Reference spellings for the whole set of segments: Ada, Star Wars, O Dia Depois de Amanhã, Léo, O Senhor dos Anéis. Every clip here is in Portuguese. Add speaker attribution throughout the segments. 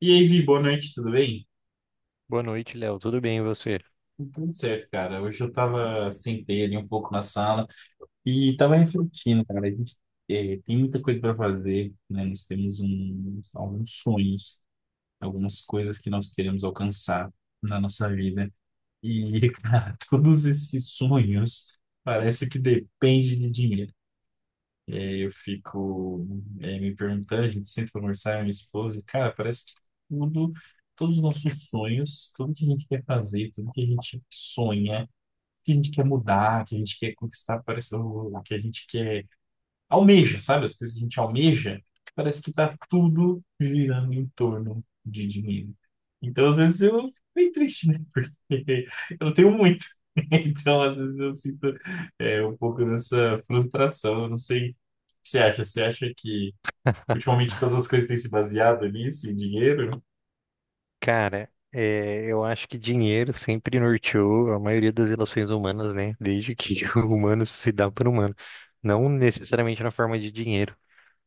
Speaker 1: E aí, Vi, boa noite, tudo bem?
Speaker 2: Boa noite, Léo. Tudo bem, e você?
Speaker 1: Tudo certo, cara. Hoje eu sentei ali um pouco na sala e tava refletindo, cara. A gente tem muita coisa para fazer, né? Nós temos alguns sonhos, algumas coisas que nós queremos alcançar na nossa vida. E, cara, todos esses sonhos parece que depende de dinheiro. Eu fico me perguntando, a gente senta pra conversar, eu e minha esposa, e, cara, parece que tudo, todos os nossos sonhos, tudo que a gente quer fazer, tudo que a gente sonha, que a gente quer mudar, que a gente quer conquistar, parece o que a gente quer almeja, sabe? As coisas que a gente almeja, parece que tá tudo girando em torno de dinheiro. Então, às vezes, eu fico bem triste, né? Porque eu tenho muito. Então, às vezes, eu sinto um pouco dessa frustração. Eu não sei o que você acha. Você acha que ultimamente todas as coisas têm se baseado nisso, em dinheiro?
Speaker 2: Cara, eu acho que dinheiro sempre norteou a maioria das relações humanas, né? Desde que o humano se dá por humano. Não necessariamente na forma de dinheiro,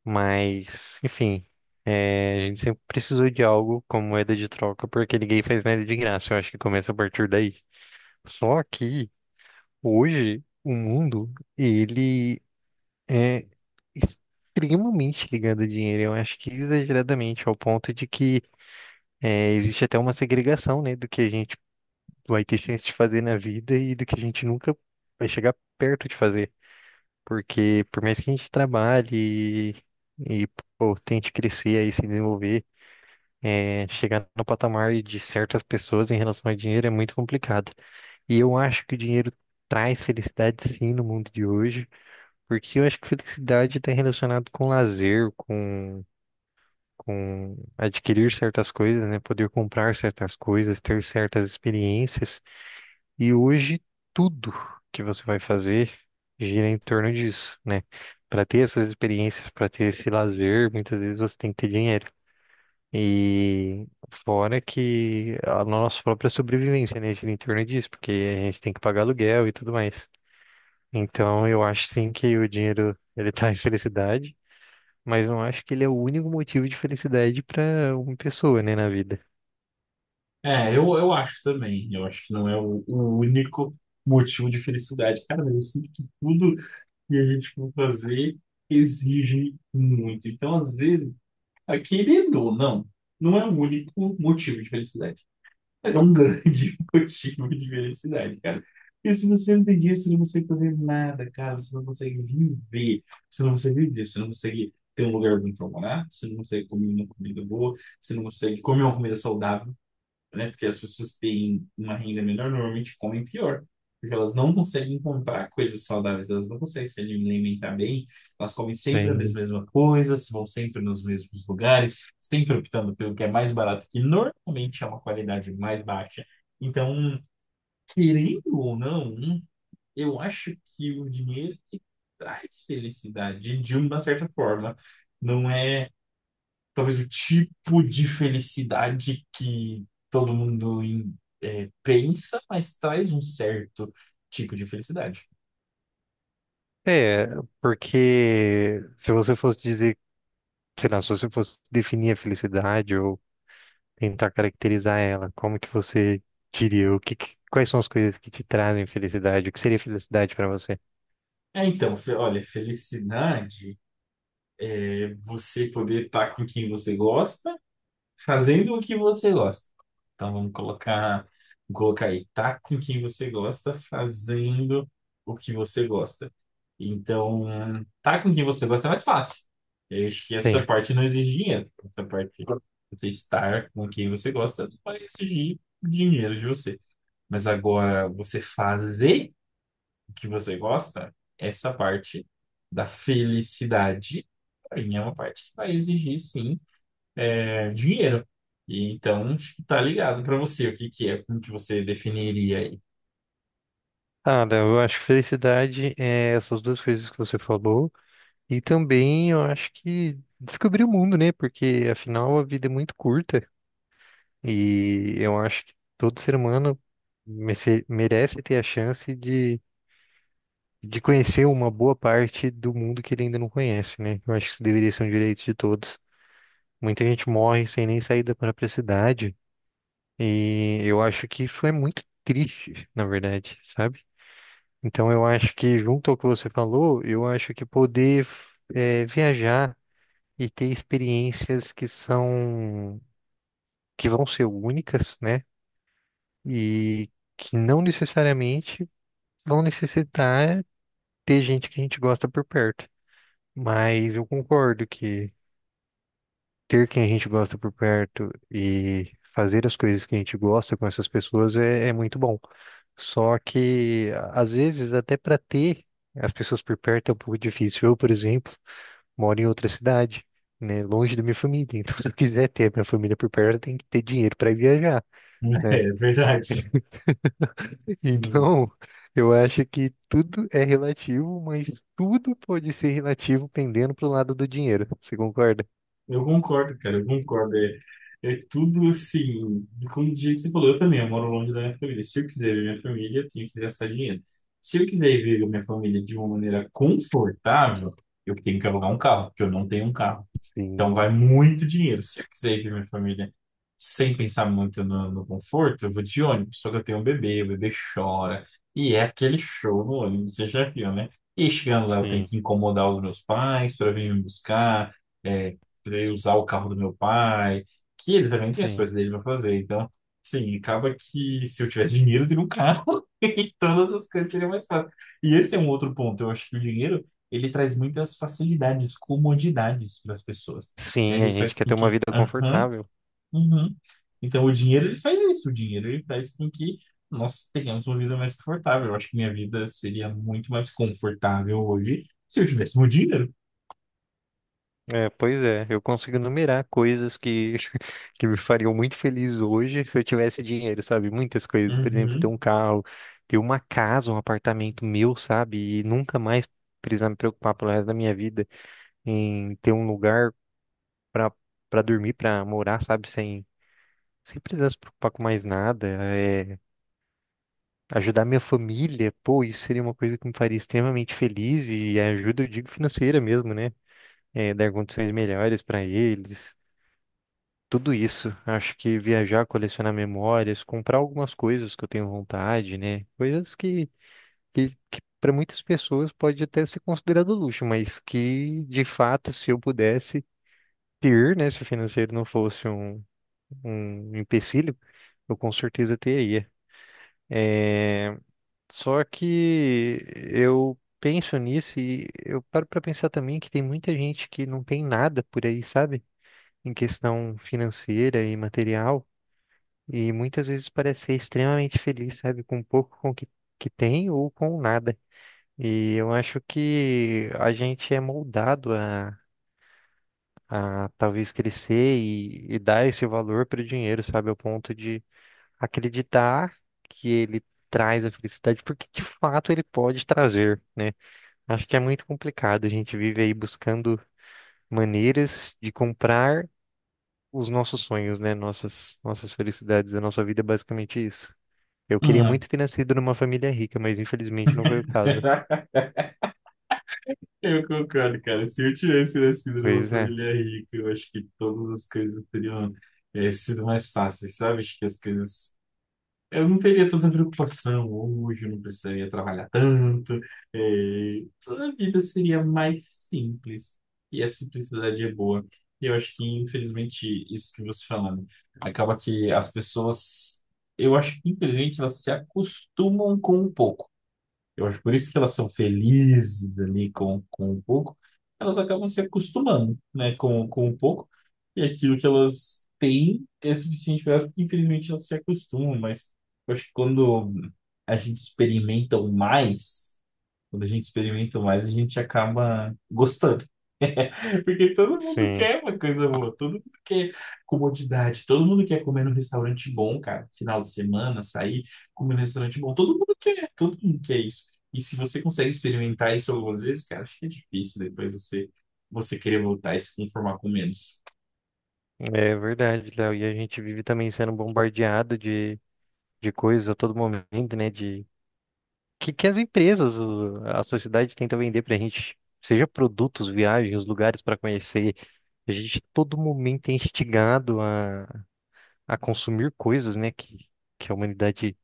Speaker 2: mas, enfim, a gente sempre precisou de algo como moeda de troca, porque ninguém faz nada de graça. Eu acho que começa a partir daí. Só que, hoje, o mundo, ele é extremamente ligado a dinheiro. Eu acho que exageradamente, ao ponto de que é, existe até uma segregação, né, do que a gente vai ter chance de fazer na vida e do que a gente nunca vai chegar perto de fazer. Porque por mais que a gente trabalhe e, e, pô, tente crescer e se desenvolver, chegar no patamar de certas pessoas em relação a dinheiro é muito complicado. E eu acho que o dinheiro traz felicidade sim no mundo de hoje, porque eu acho que felicidade está relacionado com lazer, com adquirir certas coisas, né? Poder comprar certas coisas, ter certas experiências. E hoje tudo que você vai fazer gira em torno disso, né? Para ter essas experiências, para ter esse lazer, muitas vezes você tem que ter dinheiro. E fora que a nossa própria sobrevivência, né, gira em torno disso, porque a gente tem que pagar aluguel e tudo mais. Então, eu acho sim que o dinheiro ele traz felicidade, mas não acho que ele é o único motivo de felicidade para uma pessoa, né, na vida.
Speaker 1: É, eu acho também. Eu acho que não é o único motivo de felicidade. Cara, mas eu sinto que tudo que a gente for fazer exige muito. Então, às vezes, ah, querendo ou não, não é o único motivo de felicidade, mas é um grande motivo de felicidade, cara. Porque se você não tem dinheiro, você não consegue fazer nada, cara. Você não consegue viver. Você não consegue viver. Você não consegue ter um lugar bom para morar. Você não consegue comer uma comida boa. Você não consegue comer uma comida saudável, né? Porque as pessoas que têm uma renda menor normalmente comem pior, porque elas não conseguem comprar coisas saudáveis, elas não conseguem se alimentar bem, elas comem sempre as
Speaker 2: Sim.
Speaker 1: mesmas coisas, vão sempre nos mesmos lugares, sempre optando pelo que é mais barato, que normalmente é uma qualidade mais baixa. Então, querendo ou não, eu acho que o dinheiro ele traz felicidade de uma certa forma. Não é talvez o tipo de felicidade que todo mundo pensa, mas traz um certo tipo de felicidade.
Speaker 2: É, porque se você fosse dizer, sei lá, se você fosse definir a felicidade ou tentar caracterizar ela, como que você diria? O que, quais são as coisas que te trazem felicidade? O que seria felicidade para você?
Speaker 1: É, então, olha, felicidade é você poder estar com quem você gosta, fazendo o que você gosta. Então vamos colocar aí, tá com quem você gosta, fazendo o que você gosta. Então, tá com quem você gosta é mais fácil. Eu acho que essa
Speaker 2: Bem,
Speaker 1: parte não exige dinheiro. Essa parte, você estar com quem você gosta, não vai exigir dinheiro de você. Mas agora, você fazer o que você gosta, essa parte da felicidade, para mim é uma parte que vai exigir, sim, dinheiro. E então, acho que tá ligado para você o que que é, como que você definiria aí.
Speaker 2: Ada, eu acho que felicidade é essas duas coisas que você falou e também eu acho que descobrir o mundo, né? Porque afinal a vida é muito curta. E eu acho que todo ser humano merece ter a chance de conhecer uma boa parte do mundo que ele ainda não conhece, né? Eu acho que isso deveria ser um direito de todos. Muita gente morre sem nem sair da própria cidade, e eu acho que isso é muito triste, na verdade, sabe? Então eu acho que, junto ao que você falou, eu acho que poder viajar e ter experiências que são, que vão ser únicas, né? E que não necessariamente vão necessitar ter gente que a gente gosta por perto. Mas eu concordo que ter quem a gente gosta por perto e fazer as coisas que a gente gosta com essas pessoas é, é muito bom. Só que, às vezes, até para ter as pessoas por perto é um pouco difícil. Eu, por exemplo, moro em outra cidade, né, longe da minha família. Então, se eu quiser ter a minha família por perto, eu tenho que ter dinheiro para viajar. Né?
Speaker 1: É verdade. Hum.
Speaker 2: Então, eu acho que tudo é relativo, mas tudo pode ser relativo pendendo pro lado do dinheiro. Você concorda?
Speaker 1: Eu concordo, cara, eu concordo. É, é tudo assim, como de jeito que você falou, eu também, eu moro longe da minha família. Se eu quiser ver minha família, eu tenho que gastar dinheiro. Se eu quiser ver minha família de uma maneira confortável, eu tenho que alugar um carro, porque eu não tenho um carro. Então vai
Speaker 2: Sim,
Speaker 1: muito dinheiro. Se eu quiser ir ver minha família sem pensar muito no conforto, eu vou de ônibus. Só que eu tenho um bebê, o bebê chora. E é aquele show no ônibus, você já viu, né? E chegando lá, eu tenho
Speaker 2: sim,
Speaker 1: que incomodar os meus pais para vir me buscar, é, pra eu usar o carro do meu pai, que ele também tem as coisas
Speaker 2: sim.
Speaker 1: dele para fazer. Então, sim, acaba que se eu tivesse dinheiro, eu teria um carro e todas as coisas seriam mais fáceis. E esse é um outro ponto. Eu acho que o dinheiro ele traz muitas facilidades, comodidades para as pessoas, né?
Speaker 2: Sim, a
Speaker 1: Ele faz
Speaker 2: gente quer
Speaker 1: com
Speaker 2: ter uma
Speaker 1: que,
Speaker 2: vida
Speaker 1: aham,
Speaker 2: confortável.
Speaker 1: uhum. Então, o dinheiro, ele faz isso. O dinheiro, ele faz com que nós tenhamos uma vida mais confortável. Eu acho que minha vida seria muito mais confortável hoje se eu tivesse meu dinheiro.
Speaker 2: É, pois é, eu consigo numerar coisas que, que me fariam muito feliz hoje se eu tivesse dinheiro, sabe? Muitas coisas, por exemplo, ter
Speaker 1: Uhum.
Speaker 2: um carro, ter uma casa, um apartamento meu, sabe? E nunca mais precisar me preocupar pelo resto da minha vida em ter um lugar pra, pra dormir, pra morar, sabe? Sem, sem precisar se preocupar com mais nada. É, ajudar minha família, pô, isso seria uma coisa que me faria extremamente feliz e ajuda, eu digo, financeira mesmo, né? É, dar condições melhores pra eles. Tudo isso, acho que viajar, colecionar memórias, comprar algumas coisas que eu tenho vontade, né? Coisas que para muitas pessoas pode até ser considerado luxo, mas que de fato, se eu pudesse ter, né, se o financeiro não fosse um, um empecilho, eu com certeza teria. É, só que eu penso nisso e eu paro para pensar também que tem muita gente que não tem nada por aí, sabe? Em questão financeira e material, e muitas vezes parece ser extremamente feliz, sabe? Com pouco com o que, que tem ou com nada. E eu acho que a gente é moldado a talvez crescer e dar esse valor para o dinheiro, sabe? Ao ponto de acreditar que ele traz a felicidade, porque de fato ele pode trazer, né? Acho que é muito complicado. A gente vive aí buscando maneiras de comprar os nossos sonhos, né? Nossas, nossas felicidades. A nossa vida é basicamente isso. Eu queria
Speaker 1: Hum.
Speaker 2: muito ter nascido numa família rica, mas infelizmente não foi o caso.
Speaker 1: Eu concordo, cara. Se eu tivesse nascido numa
Speaker 2: Pois é.
Speaker 1: família rica, eu acho que todas as coisas teriam, sido mais fáceis, sabe? Acho que as coisas. Eu não teria tanta preocupação hoje, eu não precisaria trabalhar tanto, eh, a vida seria mais simples e a simplicidade é boa. E eu acho que, infelizmente, isso que você falando, acaba que as pessoas, eu acho que, infelizmente, elas se acostumam com um pouco. Eu acho por isso que elas são felizes ali com um pouco, elas acabam se acostumando, né, com um pouco, e aquilo que elas têm é suficiente para elas, porque infelizmente elas se acostumam, mas eu acho que quando a gente experimenta o mais, a gente acaba gostando. Porque todo mundo
Speaker 2: Sim,
Speaker 1: quer uma coisa boa, todo mundo quer comodidade, todo mundo quer comer num restaurante bom, cara. Final de semana, sair, comer num restaurante bom, todo mundo quer isso. E se você consegue experimentar isso algumas vezes, cara, fica difícil depois você querer voltar e se conformar com menos.
Speaker 2: é verdade, Léo. E a gente vive também sendo bombardeado de coisas a todo momento, né? De que as empresas, a sociedade tenta vender pra gente, seja produtos, viagens, lugares para conhecer. A gente todo momento é instigado a consumir coisas, né, que a humanidade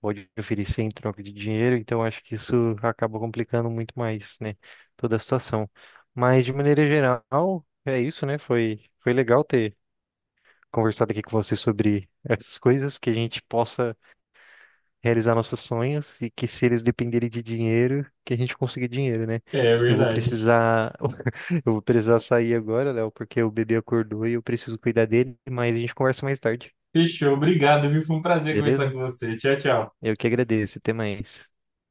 Speaker 2: pode oferecer em troca de dinheiro, então acho que isso acaba complicando muito mais, né, toda a situação. Mas de maneira geral, é isso, né? Foi, foi legal ter conversado aqui com você sobre essas coisas que a gente possa realizar nossos sonhos e que se eles dependerem de dinheiro, que a gente consiga dinheiro, né?
Speaker 1: É
Speaker 2: Eu vou
Speaker 1: verdade.
Speaker 2: precisar, eu vou precisar sair agora, Léo, porque o bebê acordou e eu preciso cuidar dele, mas a gente conversa mais tarde,
Speaker 1: Fechou, obrigado, viu? Foi um prazer conversar
Speaker 2: beleza?
Speaker 1: com você. Tchau, tchau.
Speaker 2: Eu que agradeço, até mais.